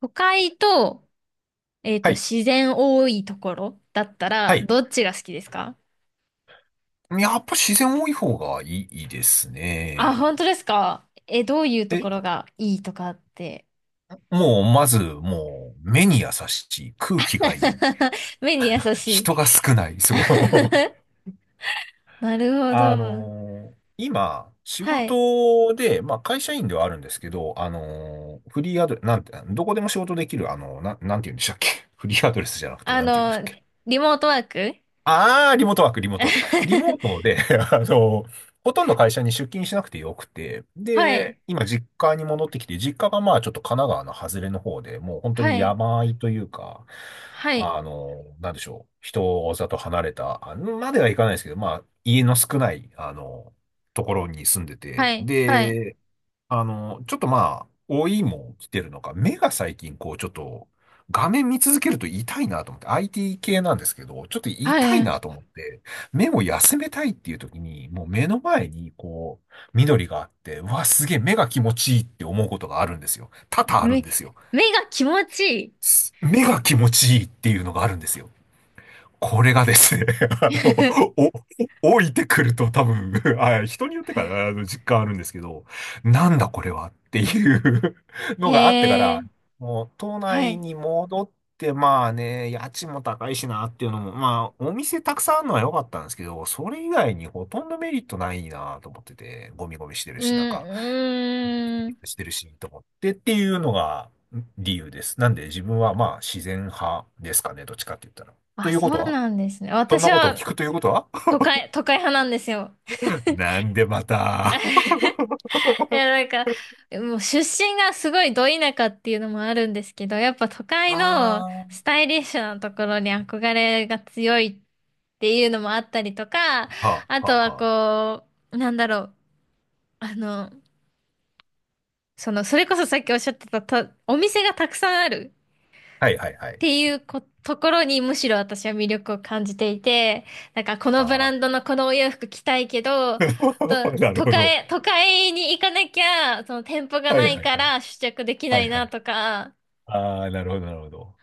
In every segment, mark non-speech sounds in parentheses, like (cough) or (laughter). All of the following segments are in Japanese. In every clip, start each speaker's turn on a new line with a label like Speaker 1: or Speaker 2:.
Speaker 1: 都会と、
Speaker 2: はい。
Speaker 1: 自然多いところだった
Speaker 2: は
Speaker 1: ら、
Speaker 2: い。
Speaker 1: どっちが好きですか？
Speaker 2: やっぱ自然多い方がいいです
Speaker 1: あ、
Speaker 2: ね。
Speaker 1: 本当ですか？え、どういうと
Speaker 2: え、
Speaker 1: ころがいいとかって。
Speaker 2: もう、まず、目に優しい、空気がいい、
Speaker 1: (laughs) 目に優しい。
Speaker 2: 人が少ない、そう。(laughs)
Speaker 1: なるほど。
Speaker 2: 今、仕
Speaker 1: はい。
Speaker 2: 事で、まあ、会社員ではあるんですけど、フリーアドレス、なんて、どこでも仕事できる、なんて言うんでしたっけ。 (laughs) フリーアドレスじゃなくて、
Speaker 1: あ
Speaker 2: なんて言うんですっ。
Speaker 1: の、リモートワーク。
Speaker 2: ああ、リモートワーク、リモートワーク。リモート
Speaker 1: (laughs)
Speaker 2: で、(laughs) あの、ほとんど会社に出勤しなくてよくて、
Speaker 1: は
Speaker 2: で、
Speaker 1: い。
Speaker 2: 今実家に戻ってきて、実家がまあちょっと神奈川の外れの方で、もう本当
Speaker 1: は
Speaker 2: に
Speaker 1: い。
Speaker 2: 山あいというか、
Speaker 1: はい。
Speaker 2: なんでしょう、人里離れた、あまではいかないですけど、まあ家の少ない、ところに住んで
Speaker 1: は
Speaker 2: て、
Speaker 1: い。はい。
Speaker 2: で、ちょっとまあ、老いも来てるのか、目が最近こう、ちょっと、画面見続けると痛いなと思って、IT 系なんですけど、ちょっと痛
Speaker 1: は
Speaker 2: い
Speaker 1: い。
Speaker 2: なと思って、目を休めたいっていう時に、もう目の前にこう、緑があって、うわ、すげえ目が気持ちいいって思うことがあるんですよ。多々あるん
Speaker 1: 目、
Speaker 2: ですよ。
Speaker 1: 目が気持ち
Speaker 2: 目が気持ちいいっていうのがあるんですよ。これがですね、(laughs) あ
Speaker 1: い
Speaker 2: の、置いてくると多分、(laughs) あ、人によってかな、あの実感あるんですけど、なんだこれはっていう (laughs)
Speaker 1: い。(laughs)
Speaker 2: のがあってか
Speaker 1: へ
Speaker 2: ら、
Speaker 1: え。
Speaker 2: もう都
Speaker 1: は
Speaker 2: 内
Speaker 1: い。
Speaker 2: に戻って、まあね、家賃も高いしなっていうのも、まあお店たくさんあるのは良かったんですけど、それ以外にほとんどメリットないなと思ってて、ゴミゴミしてる
Speaker 1: う
Speaker 2: し、なんか、
Speaker 1: ーん、うーん。
Speaker 2: してるし、と思ってっていうのが理由です。なんで自分はまあ自然派ですかね、どっちかって言ったら。と
Speaker 1: あ、
Speaker 2: いうこ
Speaker 1: そう
Speaker 2: とは
Speaker 1: なんですね。
Speaker 2: そん
Speaker 1: 私
Speaker 2: なことを聞
Speaker 1: は、
Speaker 2: くということは。
Speaker 1: 都会派なんですよ。
Speaker 2: (laughs) なんでまた。
Speaker 1: いや、なんか、もう出身がすごいど田舎っていうのもあるんですけど、やっぱ都会の
Speaker 2: ああ、は
Speaker 1: スタイリッシュなところに憧れが強いっていうのもあったりとか、
Speaker 2: あ、は
Speaker 1: あ
Speaker 2: あ、
Speaker 1: とは
Speaker 2: は
Speaker 1: こう、なんだろう、あの、それこそさっきおっしゃってたと、お店がたくさんある。
Speaker 2: あ。はいはいは
Speaker 1: っ
Speaker 2: い。
Speaker 1: ていうこ、ところにむしろ私は魅力を感じていて、なんかこの
Speaker 2: あ
Speaker 1: ブラ
Speaker 2: あ。
Speaker 1: ンドのこのお洋服着たいけど、と、
Speaker 2: (laughs) なる
Speaker 1: 都
Speaker 2: ほど。
Speaker 1: 会、都会に行かなきゃ、その店舗が
Speaker 2: はい
Speaker 1: ない
Speaker 2: はい
Speaker 1: か
Speaker 2: はい。
Speaker 1: ら試着でき
Speaker 2: は
Speaker 1: な
Speaker 2: い
Speaker 1: い
Speaker 2: は
Speaker 1: な
Speaker 2: い。
Speaker 1: とか、
Speaker 2: ああ、なるほど、なるほど。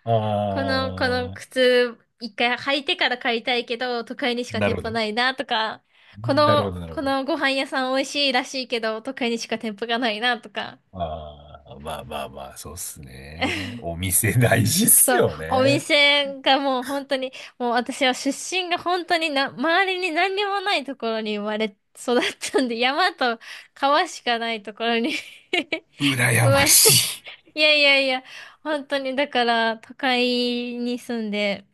Speaker 1: この
Speaker 2: ああ、
Speaker 1: 靴一回履いてから買いたいけど、都会にしか
Speaker 2: な
Speaker 1: 店
Speaker 2: るほ
Speaker 1: 舗
Speaker 2: ど。
Speaker 1: ないなとか、こ
Speaker 2: なるほど、
Speaker 1: の、
Speaker 2: なるほ
Speaker 1: こ
Speaker 2: ど。
Speaker 1: のご飯屋さん美味しいらしいけど、都会にしか店舗がないなとか、
Speaker 2: ああ、まあまあまあ、そうっすね。お店大事っす
Speaker 1: そう、
Speaker 2: よ
Speaker 1: お
Speaker 2: ね。
Speaker 1: 店がもう本当に、もう私は出身が本当にな、周りに何にもないところに生まれ育ったんで、山と川しかないところに (laughs) 生
Speaker 2: 羨
Speaker 1: ま
Speaker 2: ま
Speaker 1: れ、
Speaker 2: し
Speaker 1: いやいやいや、本当にだから都会に住んで、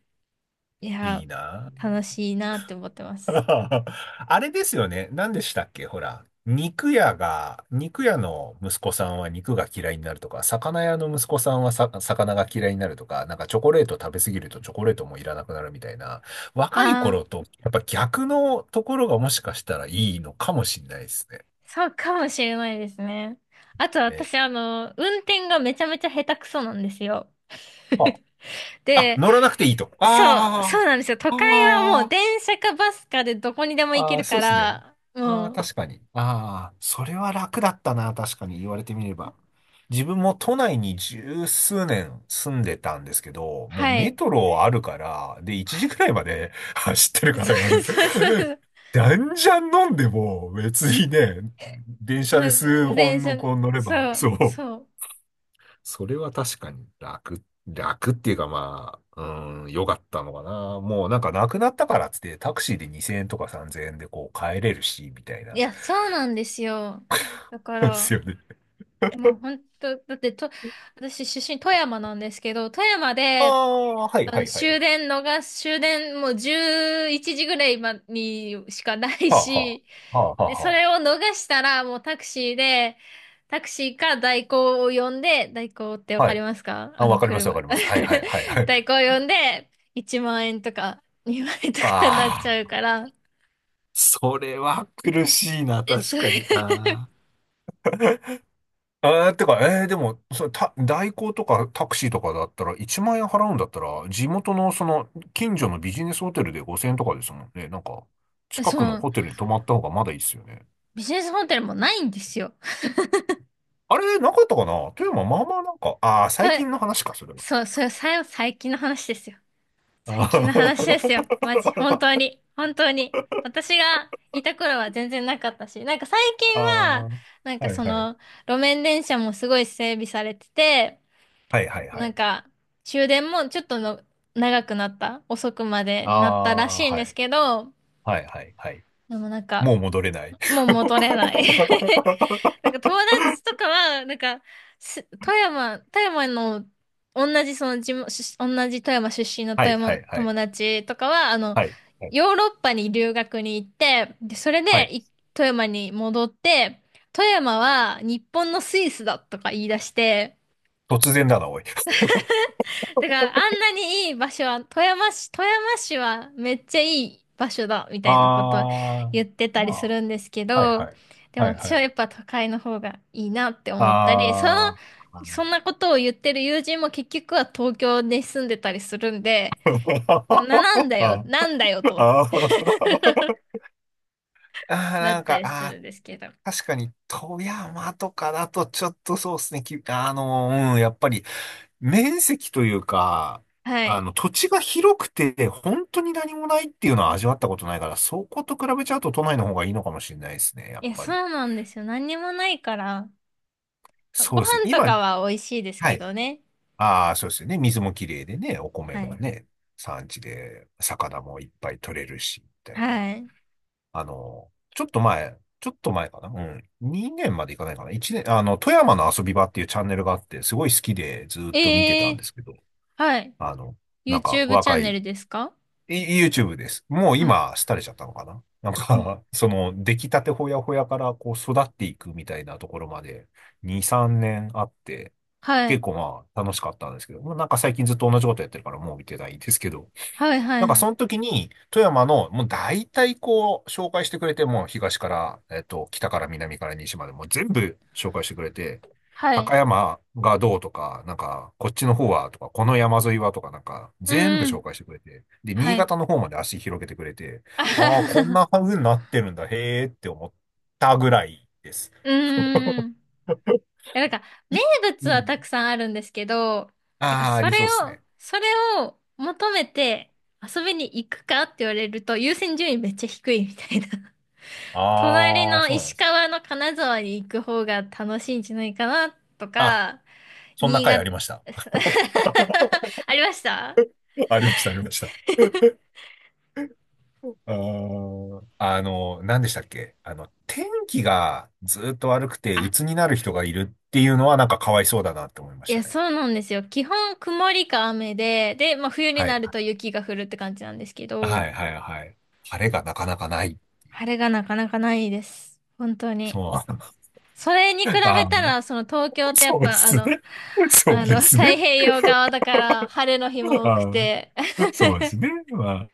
Speaker 1: い
Speaker 2: い。い
Speaker 1: や、
Speaker 2: いな。
Speaker 1: 楽しいなって思ってま
Speaker 2: (laughs)
Speaker 1: す。
Speaker 2: あれですよね。何でしたっけほら。肉屋が、肉屋の息子さんは肉が嫌いになるとか、魚屋の息子さんはさ、魚が嫌いになるとか、なんかチョコレート食べ過ぎるとチョコレートもいらなくなるみたいな、若い
Speaker 1: ああ、
Speaker 2: 頃とやっぱ逆のところがもしかしたらいいのかもしれないですね。
Speaker 1: そうかもしれないですね。あと
Speaker 2: ね。
Speaker 1: 私、あの、運転がめちゃめちゃ下手くそなんですよ。
Speaker 2: は
Speaker 1: (laughs)
Speaker 2: あ、あ
Speaker 1: で、
Speaker 2: 乗らなくていいと。
Speaker 1: そう、そう
Speaker 2: あ
Speaker 1: なんですよ。都
Speaker 2: あ、
Speaker 1: 会はもう
Speaker 2: ああ。
Speaker 1: 電車かバスかでどこにでも行け
Speaker 2: ああ、
Speaker 1: る
Speaker 2: そ
Speaker 1: か
Speaker 2: うですね。
Speaker 1: ら、
Speaker 2: ああ、
Speaker 1: もう、
Speaker 2: 確かに。ああ、それは楽だったな、確かに言われてみれば。自分も都内に十数年住んでたんですけど、もう
Speaker 1: は
Speaker 2: メ
Speaker 1: い。
Speaker 2: トロあるから、で、1時くらい
Speaker 1: (laughs)
Speaker 2: まで (laughs) 走ってるか
Speaker 1: そ
Speaker 2: ら
Speaker 1: う
Speaker 2: 夜。
Speaker 1: そうそうそう。
Speaker 2: (laughs) じゃんじゃん飲んでも別にね、電車
Speaker 1: な
Speaker 2: で
Speaker 1: んか、
Speaker 2: 数
Speaker 1: 電
Speaker 2: 本
Speaker 1: 車、
Speaker 2: のこう乗れば、
Speaker 1: そ
Speaker 2: そ
Speaker 1: う、
Speaker 2: う。
Speaker 1: そう。
Speaker 2: それは確かに楽っていうかまあ、うん、良かったのかな。もうなんかなくなったからっつってタクシーで2000円とか3000円でこう帰れるし、みたい
Speaker 1: い
Speaker 2: な。
Speaker 1: や、そうなんですよ。だか
Speaker 2: (laughs) で
Speaker 1: ら、
Speaker 2: すよね。
Speaker 1: もう本当、だってと、私出身富山なんですけど、富山
Speaker 2: あ
Speaker 1: で、
Speaker 2: あ、はい
Speaker 1: あ
Speaker 2: は
Speaker 1: の、
Speaker 2: いは
Speaker 1: 終
Speaker 2: い。
Speaker 1: 電逃す、終電もう11時ぐらいまにしかない
Speaker 2: はあは
Speaker 1: し、
Speaker 2: あ。はあは
Speaker 1: で、
Speaker 2: あ
Speaker 1: そ
Speaker 2: は
Speaker 1: れを逃したら、もうタクシーで、タクシーか代行を呼んで、代行ってわ
Speaker 2: あ。は
Speaker 1: かり
Speaker 2: い。
Speaker 1: ますか？あ
Speaker 2: あ、わ
Speaker 1: の、
Speaker 2: かりますわ
Speaker 1: 車。
Speaker 2: かります。はいはいはいは
Speaker 1: (laughs) 代
Speaker 2: い。
Speaker 1: 行を呼んで、1万円とか2万円とかになっち
Speaker 2: あ
Speaker 1: ゃう
Speaker 2: あ、
Speaker 1: から、
Speaker 2: それは苦しいな、
Speaker 1: え、
Speaker 2: 確
Speaker 1: そ
Speaker 2: かに。
Speaker 1: れ、
Speaker 2: ああ。てか、でも、それ、代行とかタクシーとかだったら、1万円払うんだったら、地元の、その、近所のビジネスホテルで5000円とかですもんね。なんか、
Speaker 1: (laughs)
Speaker 2: 近
Speaker 1: そ
Speaker 2: くの
Speaker 1: の、
Speaker 2: ホテルに泊まった方がまだいいっすよね。
Speaker 1: ビジネスホテルもないんですよ。
Speaker 2: あれ、なかったかな富山、まあまあなんか、ああ、
Speaker 1: た、
Speaker 2: 最近の話か、それは。
Speaker 1: そう、それ、さ、最近の話ですよ。
Speaker 2: あ
Speaker 1: 最近の話ですよ。マジ。本当
Speaker 2: ー
Speaker 1: に。本当に。私がいた頃は全然なかったし、なんか最近
Speaker 2: (laughs) あ
Speaker 1: は、
Speaker 2: ー、
Speaker 1: なんか
Speaker 2: はい
Speaker 1: そ
Speaker 2: はい。
Speaker 1: の、路面電車もすごい整備されてて、
Speaker 2: はいはいは
Speaker 1: なん
Speaker 2: い。
Speaker 1: か、終電もちょっとの長くなった。遅くまで
Speaker 2: あ
Speaker 1: になったらし
Speaker 2: あ、
Speaker 1: いん
Speaker 2: は
Speaker 1: で
Speaker 2: い。
Speaker 1: すけど、
Speaker 2: はいはいはい。
Speaker 1: でもなん
Speaker 2: も
Speaker 1: か、
Speaker 2: う戻れない。
Speaker 1: もう
Speaker 2: (laughs)
Speaker 1: 戻れない。(laughs) なんか友達とかは、なんか、す富山、富山の、同じその地元、し同じ富山出身の
Speaker 2: は
Speaker 1: 富
Speaker 2: いは
Speaker 1: 山
Speaker 2: いはい。
Speaker 1: 友達とかは、あの、
Speaker 2: はい。はい。
Speaker 1: ヨーロッパに留学に行って、で、それ
Speaker 2: はい。
Speaker 1: でい富山に戻って、富山は日本のスイスだとか言い出して、
Speaker 2: 突然だな、おい。
Speaker 1: だからあんなにいい場所は、富山市はめっちゃいい場所だ、みたいなこと
Speaker 2: ああ、
Speaker 1: 言ってた
Speaker 2: ま
Speaker 1: りす
Speaker 2: あ、
Speaker 1: るんですけ
Speaker 2: はい
Speaker 1: ど、
Speaker 2: はい。
Speaker 1: でも
Speaker 2: はい
Speaker 1: 私
Speaker 2: は
Speaker 1: はや
Speaker 2: い。
Speaker 1: っぱ都会の方がいいなって思ったり、その、
Speaker 2: ああ、
Speaker 1: そんなことを言ってる友人も結局は東京で住んでたりするんで、もうな、なん
Speaker 2: (laughs)
Speaker 1: だよ、
Speaker 2: あ
Speaker 1: なんだよと
Speaker 2: あー、
Speaker 1: な
Speaker 2: な
Speaker 1: っ
Speaker 2: ん
Speaker 1: た
Speaker 2: か、
Speaker 1: りす
Speaker 2: あ
Speaker 1: るんですけど。
Speaker 2: あ、確かに、富山とかだとちょっとそうですね、うん、やっぱり、面積というか、
Speaker 1: はい。
Speaker 2: 土地が広くて、本当に何もないっていうのは味わったことないから、そこと比べちゃうと都内の方がいいのかもしれないですね、や
Speaker 1: い
Speaker 2: っ
Speaker 1: や、
Speaker 2: ぱ
Speaker 1: そ
Speaker 2: り。
Speaker 1: うなんですよ。何にもないから、
Speaker 2: そ
Speaker 1: ご
Speaker 2: うですね。
Speaker 1: 飯と
Speaker 2: 今、
Speaker 1: かは美味しいです
Speaker 2: は
Speaker 1: け
Speaker 2: い。
Speaker 1: どね。
Speaker 2: ああ、そうですよね。水もきれいでね、お米
Speaker 1: は
Speaker 2: も
Speaker 1: い。
Speaker 2: ね、産地で魚もいっぱい取れるし、みたいな。
Speaker 1: はい。
Speaker 2: ちょっと前、ちょっと前かな。うん。2年までいかないかな。1年、富山の遊び場っていうチャンネルがあって、すごい好きでずっと見て
Speaker 1: え
Speaker 2: たんで
Speaker 1: え、
Speaker 2: すけど、
Speaker 1: はい。
Speaker 2: あの、なんか
Speaker 1: YouTube チャ
Speaker 2: 若
Speaker 1: ンネ
Speaker 2: い
Speaker 1: ルですか？
Speaker 2: い YouTube です。もう
Speaker 1: あ、
Speaker 2: 今、廃れちゃったのかななん
Speaker 1: うん、
Speaker 2: か、(laughs) その、出来たてほやほやから、こう、育っていくみたいなところまで、2、3年あって、
Speaker 1: は
Speaker 2: 結
Speaker 1: い。
Speaker 2: 構まあ、楽しかったんですけど、まあなんか最近ずっと同じことやってるから、もう見てないんですけど、
Speaker 1: はい、は
Speaker 2: なんかそ
Speaker 1: い。
Speaker 2: の時に、富山の、もう大体こう、紹介してくれて、もう東から、北から南から西まで、もう全部紹介してくれて、
Speaker 1: はい。
Speaker 2: 高山がどうとか、なんか、こっちの方はとか、この山沿いはとか、なんか、全部
Speaker 1: う
Speaker 2: 紹
Speaker 1: ん。
Speaker 2: 介してくれて、で、
Speaker 1: は
Speaker 2: 新
Speaker 1: い。
Speaker 2: 潟の方まで足広げてくれて、
Speaker 1: (laughs) あ
Speaker 2: ああ、
Speaker 1: は
Speaker 2: こんな
Speaker 1: は、
Speaker 2: 風になってるんだ、へーって思ったぐらいです。
Speaker 1: うーん。い
Speaker 2: (laughs)
Speaker 1: やなんか、
Speaker 2: い
Speaker 1: 名物
Speaker 2: う
Speaker 1: は
Speaker 2: ん。
Speaker 1: たくさんあるんですけど、なんか、
Speaker 2: ああ、あ
Speaker 1: そ
Speaker 2: り
Speaker 1: れ
Speaker 2: そうっす
Speaker 1: を、
Speaker 2: ね。
Speaker 1: それを求めて遊びに行くかって言われると、優先順位めっちゃ低いみたいな。(laughs) 隣
Speaker 2: ああ、
Speaker 1: の
Speaker 2: そうなんで
Speaker 1: 石
Speaker 2: す。
Speaker 1: 川の金沢に行く方が楽しいんじゃないかなと
Speaker 2: あ、
Speaker 1: か、
Speaker 2: そんな
Speaker 1: 新
Speaker 2: 回あ
Speaker 1: 潟、
Speaker 2: りました。(laughs)
Speaker 1: (laughs) ありました。
Speaker 2: ありました、ありました。何でしたっけ天気がずっと悪くて鬱
Speaker 1: あ、
Speaker 2: になる人がいるっていうのはなんかかわいそうだなって思いま
Speaker 1: い
Speaker 2: した
Speaker 1: や、
Speaker 2: ね。
Speaker 1: そうなんですよ。基本曇りか雨で、で、まあ冬に
Speaker 2: は
Speaker 1: な
Speaker 2: い。
Speaker 1: ると雪が降るって感じなんですけ
Speaker 2: は
Speaker 1: ど、
Speaker 2: い、はい、はい。晴れがなかなかない。
Speaker 1: 晴れがなかなかないです。本当に。
Speaker 2: そう。
Speaker 1: それに比
Speaker 2: (laughs)
Speaker 1: べ
Speaker 2: あ
Speaker 1: た
Speaker 2: ー
Speaker 1: ら、その東京ってやっ
Speaker 2: そうで
Speaker 1: ぱあ
Speaker 2: す
Speaker 1: の、
Speaker 2: ね。そう
Speaker 1: あ
Speaker 2: で
Speaker 1: の、
Speaker 2: す
Speaker 1: 太
Speaker 2: ね。
Speaker 1: 平洋側だから晴れの日も多く
Speaker 2: あ
Speaker 1: て、(laughs)
Speaker 2: そうですね。ま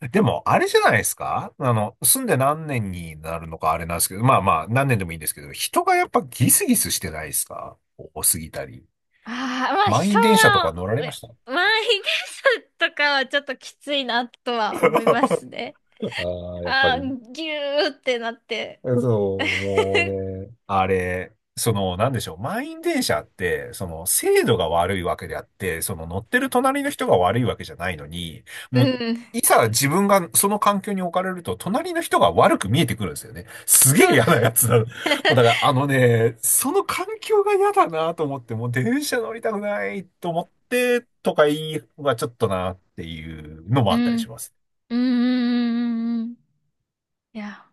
Speaker 2: あでも、あれじゃないですか住んで何年になるのかあれなんですけど、まあまあ、何年でもいいんですけど、人がやっぱギスギスしてないですか？多すぎたり。
Speaker 1: ああ、まあ
Speaker 2: 満
Speaker 1: 人
Speaker 2: 員電車とか
Speaker 1: は、
Speaker 2: 乗られ
Speaker 1: い
Speaker 2: ま
Speaker 1: や
Speaker 2: した？ (laughs)
Speaker 1: 満員電車とかはちょっときついなとは思いますね。
Speaker 2: ああ、やっぱ
Speaker 1: ああ、
Speaker 2: り。
Speaker 1: ぎゅーってなって。
Speaker 2: そう、もう
Speaker 1: (laughs)
Speaker 2: ね、あれ、その、なんでしょう、満員電車って、その、精度が悪いわけであって、その、乗ってる隣の人が悪いわけじゃないのに、
Speaker 1: う
Speaker 2: もう、
Speaker 1: ん、
Speaker 2: いざ自分がその環境に置かれると、隣の人が悪く見えてくるんですよね。すげえ
Speaker 1: そう、
Speaker 2: 嫌なやつだ。(laughs) もうだから、あのね、その環境が嫌だなと思って、もう電車乗りたくないと思って、とか言いはちょっとなっていうのも
Speaker 1: う
Speaker 2: あったりし
Speaker 1: ん、
Speaker 2: ます。
Speaker 1: うん、うん、うん、うん。うん、いや、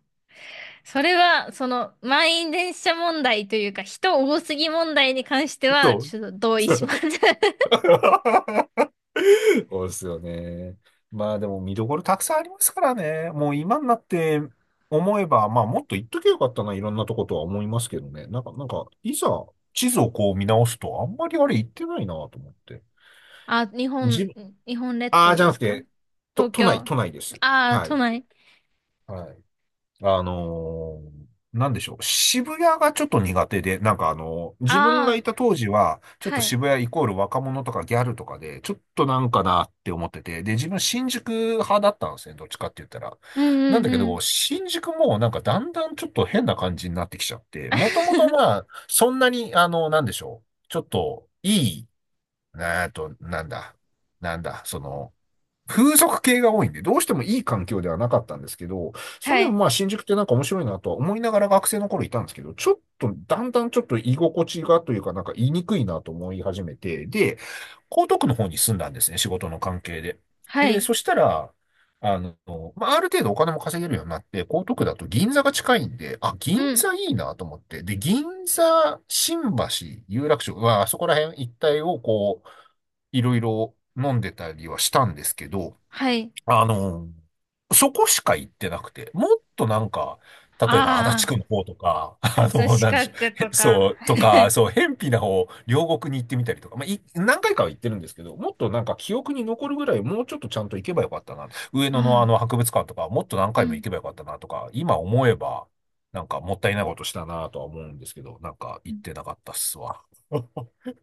Speaker 1: それは、その、満員電車問題というか、人多すぎ問題に関しては、
Speaker 2: そう。
Speaker 1: ちょっと同意します。(laughs)
Speaker 2: (laughs) (laughs) そうですよね。まあでも見どころたくさんありますからね。もう今になって思えば、まあもっと言っときゃよかったな、いろんなとことは思いますけどね。なんか、いざ地図をこう見直すと、あんまりあれ言ってないなと思って。
Speaker 1: あ、日
Speaker 2: 自
Speaker 1: 本、
Speaker 2: 分、
Speaker 1: 日本列
Speaker 2: ああ、
Speaker 1: 島
Speaker 2: じゃ
Speaker 1: で
Speaker 2: な
Speaker 1: す
Speaker 2: く
Speaker 1: か？
Speaker 2: て、
Speaker 1: 東京。あ
Speaker 2: 都内です。
Speaker 1: あ、
Speaker 2: は
Speaker 1: 都
Speaker 2: い。
Speaker 1: 内。
Speaker 2: はい。あのーなんでしょう。渋谷がちょっと苦手で、なんか自分がい
Speaker 1: ああ、
Speaker 2: た当時は、ちょっと
Speaker 1: はい。
Speaker 2: 渋谷イコール若者とかギャルとかで、ちょっとなんかなって思ってて、で、自分新宿派だったんですね、どっちかって言ったら。
Speaker 1: うん、
Speaker 2: な
Speaker 1: う
Speaker 2: ん
Speaker 1: ん、
Speaker 2: だけ
Speaker 1: う
Speaker 2: ど、
Speaker 1: ん。
Speaker 2: 新宿もなんかだんだんちょっと変な感じになってきちゃって、もともと
Speaker 1: (laughs)
Speaker 2: まあ、そんなに、なんでしょう。ちょっと、い、えっと、なんだ、なんだ、その、風俗系が多いんで、どうしてもいい環境ではなかったんですけど、それ
Speaker 1: は
Speaker 2: でも
Speaker 1: い。
Speaker 2: まあ新宿ってなんか面白いなとは思いながら学生の頃いたんですけど、ちょっとだんだんちょっと居心地がというかなんか言いにくいなと思い始めて、で、江東区の方に住んだんですね、仕事の関係で。
Speaker 1: は
Speaker 2: で、
Speaker 1: い。
Speaker 2: そしたら、あの、まあ、ある程度お金も稼げるようになって、江東区だと銀座が近いんで、あ、銀
Speaker 1: うん。
Speaker 2: 座いいなと思って、で、銀座、新橋、有楽町、まあ、そこら辺一帯をこう、いろいろ飲んでたりはしたんですけど、
Speaker 1: はい。
Speaker 2: あの、そこしか行ってなくて、もっとなんか、例えば足立
Speaker 1: あ
Speaker 2: 区の方とか、(laughs)
Speaker 1: あ、葛
Speaker 2: なんで
Speaker 1: 飾
Speaker 2: しょ
Speaker 1: 区
Speaker 2: う、へ
Speaker 1: と
Speaker 2: そ
Speaker 1: か。
Speaker 2: う、とか、そう、辺鄙な方、両国に行ってみたりとか、まあ、何回かは行ってるんですけど、もっとなんか記憶に残るぐらい、もうちょっとちゃんと行けばよかったな。上
Speaker 1: (laughs)
Speaker 2: 野のあ
Speaker 1: ああ、
Speaker 2: の博物館とか、もっと何
Speaker 1: う
Speaker 2: 回も
Speaker 1: ん。
Speaker 2: 行けばよかったなとか、今思えば、なんかもったいないことしたなとは思うんですけど、なんか行ってなかったっすわ。(laughs)